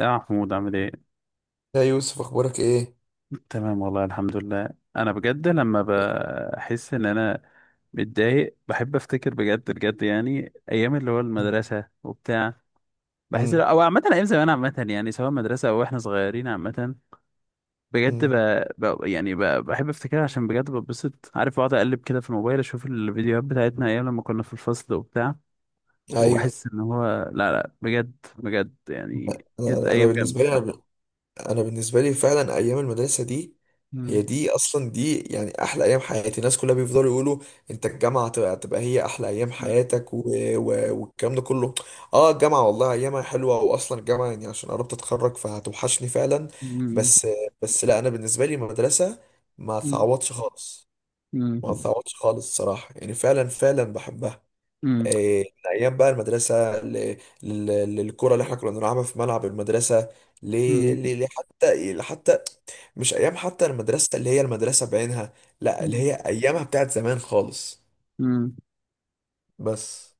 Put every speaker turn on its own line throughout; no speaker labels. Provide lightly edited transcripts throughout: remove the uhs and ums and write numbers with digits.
يا محمود عامل ايه؟
يا يوسف، اخبارك ايه؟
تمام والله الحمد لله. انا بجد لما بحس ان انا متضايق بحب افتكر بجد بجد يعني ايام اللي هو المدرسة وبتاع. بحس
مم.
او عامة ايام زمان عامة يعني سواء مدرسة او احنا صغيرين عامة. بجد
مم.
يعني بحب افتكرها عشان بجد ببسط عارف، بقعد اقلب كده في الموبايل اشوف الفيديوهات بتاعتنا ايام لما كنا في الفصل وبتاع.
ايوه.
وبحس ان هو، لا لا بجد، بجد
انا
يعني كانت
انا أنا
ايام جامدة.
بالنسبه لي انا ب- أنا بالنسبه لي فعلا ايام المدرسه دي،
مم.
هي دي اصلا، دي يعني احلى ايام حياتي. الناس كلها بيفضلوا يقولوا انت الجامعه هتبقى هي احلى ايام
مم.
حياتك، والكلام ده كله. اه، الجامعه والله ايامها حلوه، واصلا الجامعه يعني عشان قربت اتخرج فهتوحشني فعلا. بس بس لا، انا بالنسبه لي المدرسه ما
مم.
تعوضش خالص.
مم.
ما تعوضش خالص صراحه، يعني فعلا فعلا بحبها.
مم.
إيه، من ايام بقى المدرسه للكره اللي احنا كنا بنلعبها في ملعب المدرسه، ل-
مم.
حتى مش ايام حتى المدرسه اللي هي المدرسه بعينها، لا، اللي
مم.
هي ايامها بتاعت زمان خالص.
مم.
بس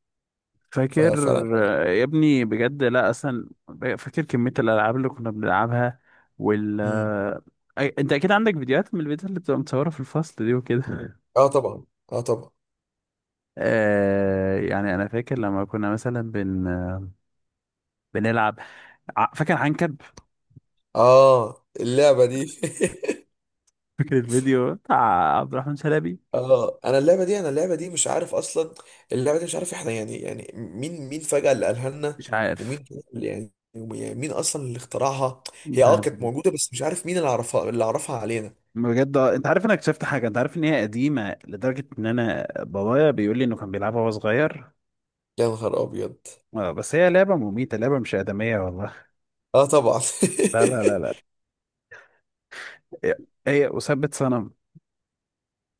فاكر.
ففعلا.
آه، يا ابني بجد لا اصلا. فاكر كمية الالعاب اللي كنا بنلعبها وال
مم.
آه، انت اكيد عندك فيديوهات من الفيديوهات اللي بتبقى متصورة في الفصل دي وكده.
اه طبعا، اه طبعا.
يعني انا فاكر لما كنا مثلا بنلعب. فاكر عنكب.
اه، اللعبه دي.
فاكر الفيديو بتاع عبد الرحمن شلبي.
اه، انا اللعبه دي مش عارف اصلا. اللعبه دي مش عارف احنا يعني مين فجاه اللي قالها لنا،
مش عارف.
ومين اللي يعني مين اصلا اللي اخترعها. هي
مش عارف.
كانت موجوده، بس مش عارف مين اللي عرفها علينا.
بجد، انت عارف، انا اكتشفت حاجه. انت عارف ان هي قديمه لدرجه ان انا بابايا بيقول لي انه كان بيلعبها وهو صغير.
يا نهار ابيض.
اه بس هي لعبة مميتة، لعبة مش آدمية والله.
اه طبعا.
لا لا لا لا. هي هي أثبت صنم.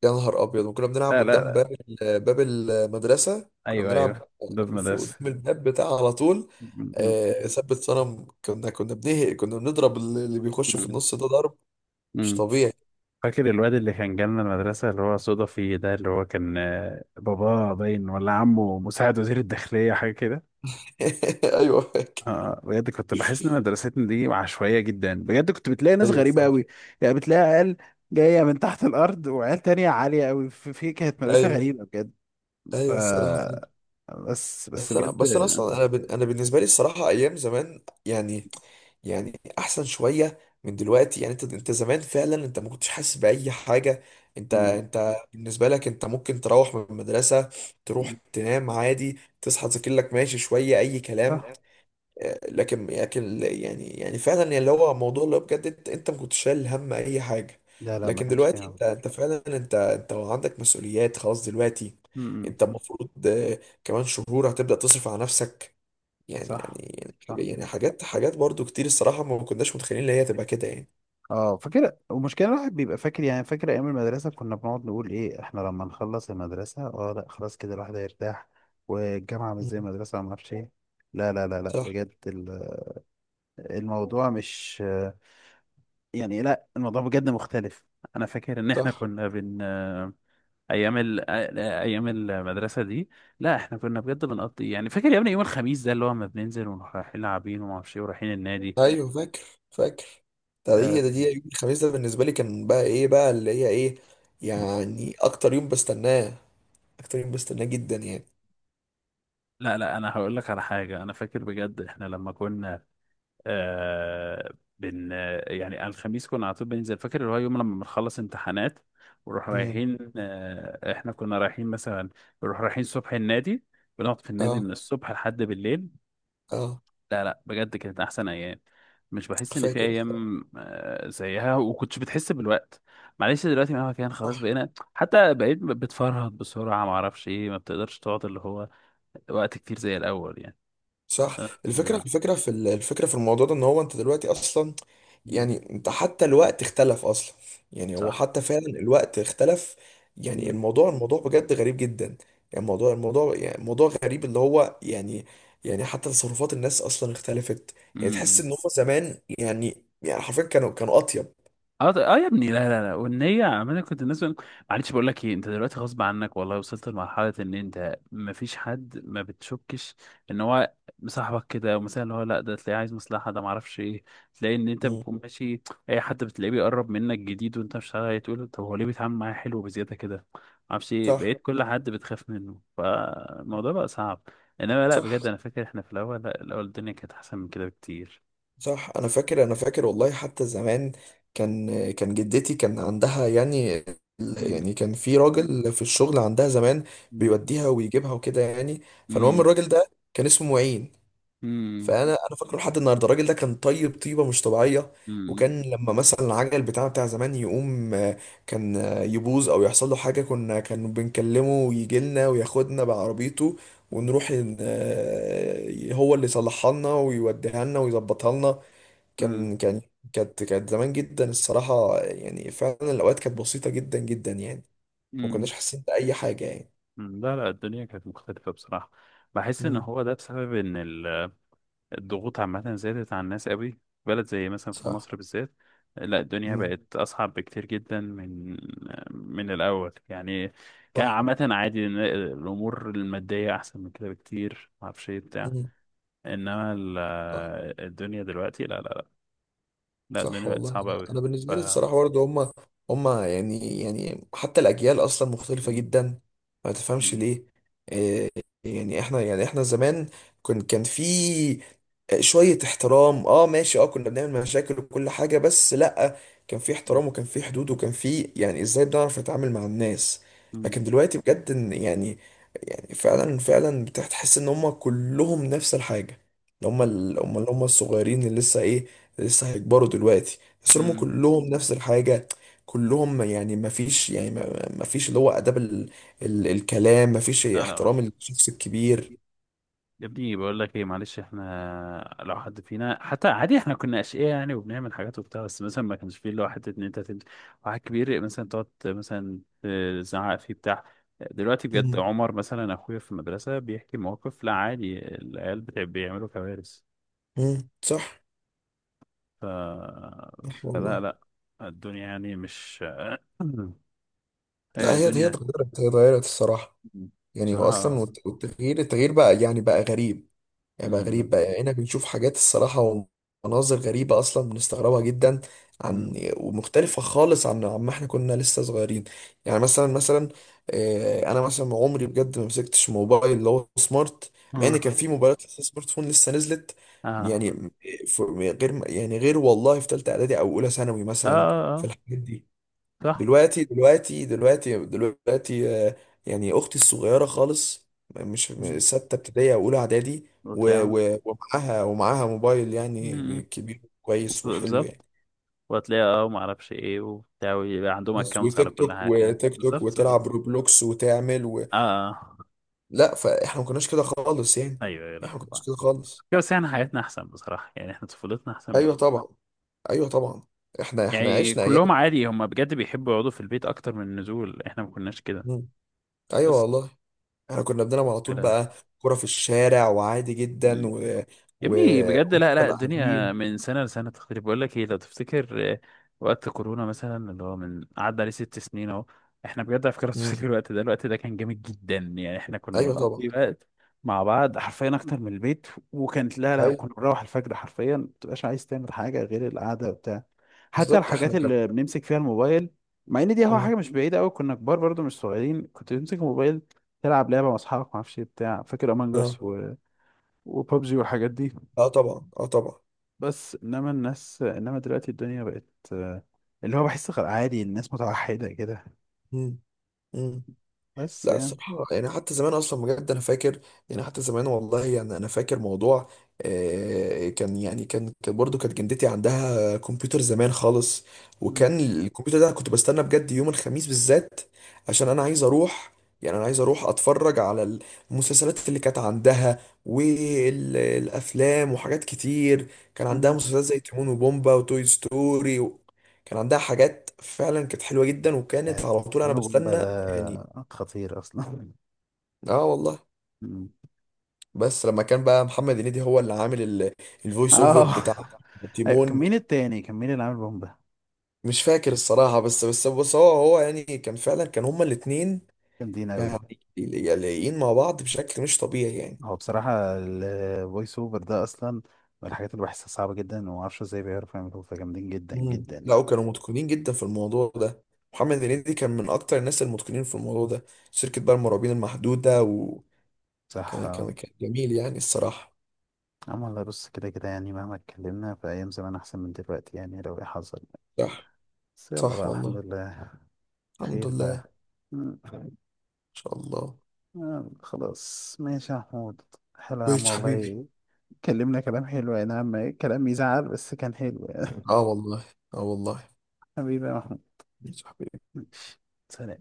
يا نهار ابيض، وكنا بنلعب
لا لا
قدام باب،
لا.
باب المدرسه كنا
أيوه
بنلعب
أيوه ضد
في،
مدرسة.
قدام الباب بتاع على طول.
م-
آه، ثبت صنم، كنا بنهق، كنا بنضرب اللي بيخش في
م-
النص ده ضرب مش
م.
طبيعي.
فاكر الواد اللي كان جالنا المدرسة اللي هو صدى فيه ده، اللي هو كان باباه باين ولا عمه مساعد وزير الداخلية حاجة كده.
ايوه،
اه بجد كنت بحس ان مدرستنا دي عشوائية جدا، بجد كنت بتلاقي ناس
ايوه
غريبة
الصراحه.
قوي. يعني بتلاقي عيال جاية من تحت الأرض، وعيال تانية عالية قوي في في كانت مدرسة
ايوه،
غريبة بجد. ف
ايوه الصراحه فعلا.
بس بس
بس انا
بجد.
بس انا اصلا، انا بالنسبه لي الصراحه ايام زمان يعني، يعني احسن شويه من دلوقتي. يعني انت زمان فعلا انت ما كنتش حاسس باي حاجه. انت
مم.
انت بالنسبه لك، انت ممكن تروح من المدرسه، تروح تنام عادي، تصحى تذاكر لك ماشي شويه اي كلام.
صح.
لكن يعني فعلا يعني اللي هو موضوع اللي هو بجد، انت ما كنتش شايل هم اي حاجه.
لا لا ما
لكن
كانش فيها
دلوقتي
عمل.
انت فعلا انت عندك مسؤوليات خلاص دلوقتي.
مم.
انت المفروض كمان شهور هتبدا تصرف على نفسك. يعني يعني
صح.
يعني
صح.
يعني حاجات حاجات برضو كتير الصراحه، ما كناش متخيلين ان هي تبقى كده يعني.
اه فاكر المشكله، الواحد بيبقى فاكر، يعني فاكر ايام المدرسه كنا بنقعد نقول ايه احنا لما نخلص المدرسه، اه لا خلاص كده الواحد هيرتاح، والجامعه مش
مم.
زي المدرسه وما اعرفش ايه. لا لا لا لا
صح.
بجد الموضوع مش، يعني لا الموضوع بجد مختلف. انا فاكر ان احنا
صح.
كنا ايام ايام المدرسه دي، لا احنا كنا بجد بنقضي، يعني فاكر يا ابني يوم الخميس ده اللي هو، ما بننزل ونروح رايحين لاعبين وما اعرفش ايه ورايحين النادي.
ايوه، فاكر، فاكر. ده
آه،
هي ده دي يوم الخميس ده بالنسبه لي كان بقى ايه بقى اللي هي ايه. يعني اكتر يوم بستناه، اكتر يوم بستناه جدا يعني.
لا لا، انا هقول لك على حاجه. انا فاكر بجد احنا لما كنا، آه بن يعني على الخميس كنا على طول بننزل، فاكر اللي هو يوم لما بنخلص امتحانات ونروح
امم.
رايحين، احنا كنا رايحين مثلا، نروح رايحين الصبح النادي، بنقعد في النادي
اه.
من الصبح لحد بالليل.
اه،
لا لا بجد كانت احسن ايام. مش بحس ان في
فاكر. صح.
ايام زيها، وكنتش بتحس بالوقت. معلش دلوقتي مهما كان خلاص بقينا، حتى بقيت بتفرهد بسرعه، ما اعرفش ايه، ما بتقدرش تقعد اللي هو وقت كتير زي الاول يعني.
صح.
آه، آه،
الفكره في الموضوع ده، ان هو انت دلوقتي اصلا،
مم،
يعني انت حتى الوقت اختلف اصلا. يعني هو
صح.
حتى فعلا الوقت اختلف. يعني
مم،
الموضوع بجد غريب جدا يعني. الموضوع يعني موضوع غريب اللي هو يعني يعني حتى تصرفات الناس اصلا اختلفت. يعني
مم،
تحس
مم.
ان هم زمان يعني حرفيا كانوا اطيب.
اه اه يا ابني لا لا لا، والنية عمالة كنت الناس معلش بقول لك ايه، انت دلوقتي غصب عنك والله وصلت لمرحلة ان انت مفيش حد ما بتشكش ان هو مصاحبك كده، ومثلا اللي هو لا، ده تلاقيه عايز مصلحة، ده معرفش ايه، تلاقي ان انت
مم.
بتكون ماشي اي حد بتلاقيه بيقرب منك جديد وانت مش عارف إيه، تقول طب هو ليه بيتعامل معايا حلو بزيادة كده، معرفش ايه،
صح.
بقيت كل حد بتخاف منه، فالموضوع بقى صعب. انما لا
صح.
بجد، انا فاكر احنا في الاول، لا الاول الدنيا كانت احسن من كده بكتير.
صح انا فاكر، انا فاكر والله حتى زمان. كان جدتي كان عندها يعني،
امم.
يعني كان في راجل في الشغل عندها زمان بيوديها ويجيبها وكده يعني. فالمهم
امم.
الراجل ده كان اسمه معين، فانا فاكره لحد النهارده. الراجل ده كان طيب، طيبه مش طبيعيه.
امم.
وكان لما مثلا العجل بتاعه بتاع زمان يقوم كان يبوظ او يحصل له حاجه، كان بنكلمه ويجي لنا وياخدنا بعربيته، ونروح هو اللي يصلحها لنا ويوديها لنا ويظبطها لنا.
امم.
كان كان كانت زمان جدا الصراحة، يعني فعلا الأوقات كانت بسيطة جدا جدا يعني. ما
امم.
كناش حاسين بأي حاجة يعني.
لا لا الدنيا كانت مختلفة بصراحة. بحس ان
امم.
هو ده بسبب ان الضغوط عامة زادت على الناس قوي، في بلد زي مثلا في
صح.
مصر بالذات. لا الدنيا
امم.
بقت اصعب بكتير جدا من، من الاول يعني. كان
صح.
عامة عادي إن الامور المادية احسن من كده بكتير، ما اعرفش ايه بتاع.
امم.
انما
صح.
الدنيا دلوقتي لا لا لا. لا
صح
الدنيا بقت
والله،
صعبة
انا
قوي.
أنا
ف...
بالنسبه لي الصراحه برضه هم يعني حتى الاجيال اصلا مختلفه
مم.
جدا. ما تفهمش
مم.
ليه. إيه، يعني احنا زمان كان في شويه احترام، اه ماشي، اه كنا بنعمل مشاكل وكل حاجه، بس لا، كان في احترام وكان في حدود، وكان في، يعني ازاي بنعرف نتعامل مع الناس.
مم.
لكن دلوقتي بجد إن يعني فعلا فعلا بتحس ان هم كلهم نفس الحاجه. اللي هم الصغيرين اللي لسه ايه، لسه هيكبروا دلوقتي. بس هم
مم.
كلهم نفس الحاجة، كلهم يعني ما فيش، يعني ما فيش اللي هو آداب، الكلام، ما فيش
لا لا
احترام
ماشي.
الشخص الكبير.
يا ابني بقول لك ايه، معلش، احنا لو حد فينا حتى عادي، احنا كنا اشقياء يعني وبنعمل حاجات وبتاع، بس مثلا ما كانش فيه اللي هو حته ان انت واحد كبير مثلا تقعد مثلا تزعق فيه بتاع. دلوقتي بجد،
مم.
عمر مثلا اخويا في المدرسه بيحكي مواقف، لا عادي العيال بتاع بيعملوا كوارث.
مم. صح.
ف...
صح
فلا
والله.
لا، الدنيا يعني مش.
لا،
إيه
هي
الدنيا
اتغيرت، هي اتغيرت الصراحة. يعني هو
بصراحه.
أصلا والتغيير بقى يعني بقى غريب، يعني بقى
مم.
غريب بقى، يعني هنا بنشوف حاجات الصراحة ومناظر غريبة أصلا بنستغربها جدا، عن
مم.
ومختلفة خالص عما احنا كنا لسه صغيرين. يعني مثلا، أنا مثلا عمري بجد ما مسكتش موبايل اللي هو سمارت، مع إن
اه
كان
يعني.
في موبايلات لسه سمارت فون لسه نزلت يعني.
اه.
غير والله في تالتة إعدادي أو أولى ثانوي
اه.
مثلا في الحاجات دي.
صح.
دلوقتي يعني اختي الصغيره خالص، مش
مم.
سته ابتدائي او اولى اعدادي،
وتلاقي
ومعاها موبايل
م-
يعني
م.
كبير كويس وحلو يعني.
بالظبط. وهتلاقيها اه ما اعرفش ايه وبتاع، ويبقى عندهم
بس،
اكونتس على
وتيك
كل
توك،
حاجه، بالظبط
وتلعب
بالظبط.
روبلوكس وتعمل.
اه آه.
لا، فاحنا ما كناش كده خالص يعني.
ايوه ايوه،
احنا
لا
ما كناش
فاهم.
كده خالص.
بس يعني حياتنا احسن بصراحه، يعني احنا طفولتنا احسن من
ايوه
دول.
طبعا. ايوه طبعا. احنا
يعني
عشنا ايام.
كلهم عادي، هم بجد بيحبوا يقعدوا في البيت اكتر من النزول، احنا ما كناش كده.
مم. ايوه
بس
والله. احنا كنا بنلعب على طول بقى كرة في الشارع وعادي جدا
كده.
و...
يا ابني بجد لا لا، الدنيا
وقاعدين.
من سنة لسنة تختلف. بقول لك ايه، لو تفتكر وقت كورونا مثلا اللي هو من قعد عليه 6 سنين اهو، احنا بجد على فكرة لو تفتكر الوقت ده، الوقت ده كان جامد جدا يعني، احنا كنا
ايوه طبعا.
بنقضي وقت مع بعض حرفيا اكتر من البيت، وكانت لا لا،
ايوه
كنا بنروح الفجر حرفيا، ما بتبقاش عايز تعمل حاجة غير القعدة وبتاع. حتى
بالظبط. احنا
الحاجات
كان.
اللي بنمسك فيها الموبايل، مع ان دي هو
اه.
حاجة مش بعيدة قوي، كنا كبار برضو مش صغيرين، كنت بتمسك الموبايل تلعب لعبة مع اصحابك، ما اعرفش إيه بتاع، فاكر
اه.
امانجاس و وببجي والحاجات دي.
اه طبعا. اه طبعا.
بس انما الناس، انما دلوقتي الدنيا بقت آه، اللي هو بحس عادي الناس متوحدة كده.
مم. مم.
بس
لا،
يعني.
الصراحة يعني حتى زمان أصلا بجد أنا فاكر. يعني حتى زمان والله، يعني أنا فاكر موضوع، كانت جدتي عندها كمبيوتر زمان خالص.
مم.
وكان الكمبيوتر ده كنت بستنى بجد يوم الخميس بالذات عشان أنا عايز أروح، أتفرج على المسلسلات اللي كانت عندها والأفلام وحاجات كتير. كان عندها
مم.
مسلسلات زي تيمون وبومبا وتوي ستوري. كان عندها حاجات فعلا كانت حلوة جدا، وكانت
يعني
على طول أنا
تيمون وبومبا
بستنى يعني.
ده خطير اصلا.
اه والله.
مم.
بس لما كان بقى محمد هنيدي هو اللي عامل الفويس اوفر
اه.
بتاع
أيوة، كان
تيمون.
مين التاني؟ كان مين اللي عامل بومبا؟
مش فاكر الصراحة، بس هو يعني كان فعلا، كان هما الاتنين
جامدين اوي.
يعني لايقين مع بعض بشكل مش طبيعي يعني.
هو بصراحة الفويس اوفر ده اصلا من الحاجات اللي بحسها صعبة جدا، وما اعرفش ازاي بيعرفوا يعملوه، فجامدين جدا
مم.
جدا
لا،
يعني.
وكانوا متقنين جدا في الموضوع ده. محمد هنيدي كان من اكتر الناس المتقنين في الموضوع ده. شركة بقى المرعبين المحدودة، وكان
صح.
كان
اه.
كان جميل يعني الصراحة.
عم والله، بص كده كده يعني، مهما اتكلمنا، في ايام زمان احسن من دلوقتي يعني لو ايه حصل.
صح.
بس يلا
صح
بقى الحمد
والله.
لله.
الحمد
خير
لله ان
بقى. مم.
شاء الله.
آه، خلاص ماشي يا محمود. حلو يا عم
ماشي حبيبي.
والله. كلمنا كلام حلو يعني، عم كلام يزعل بس كان حلو يعني.
اه والله. اه والله.
حبيبي يا محمود.
ماشي حبيبي.
ماشي. سلام.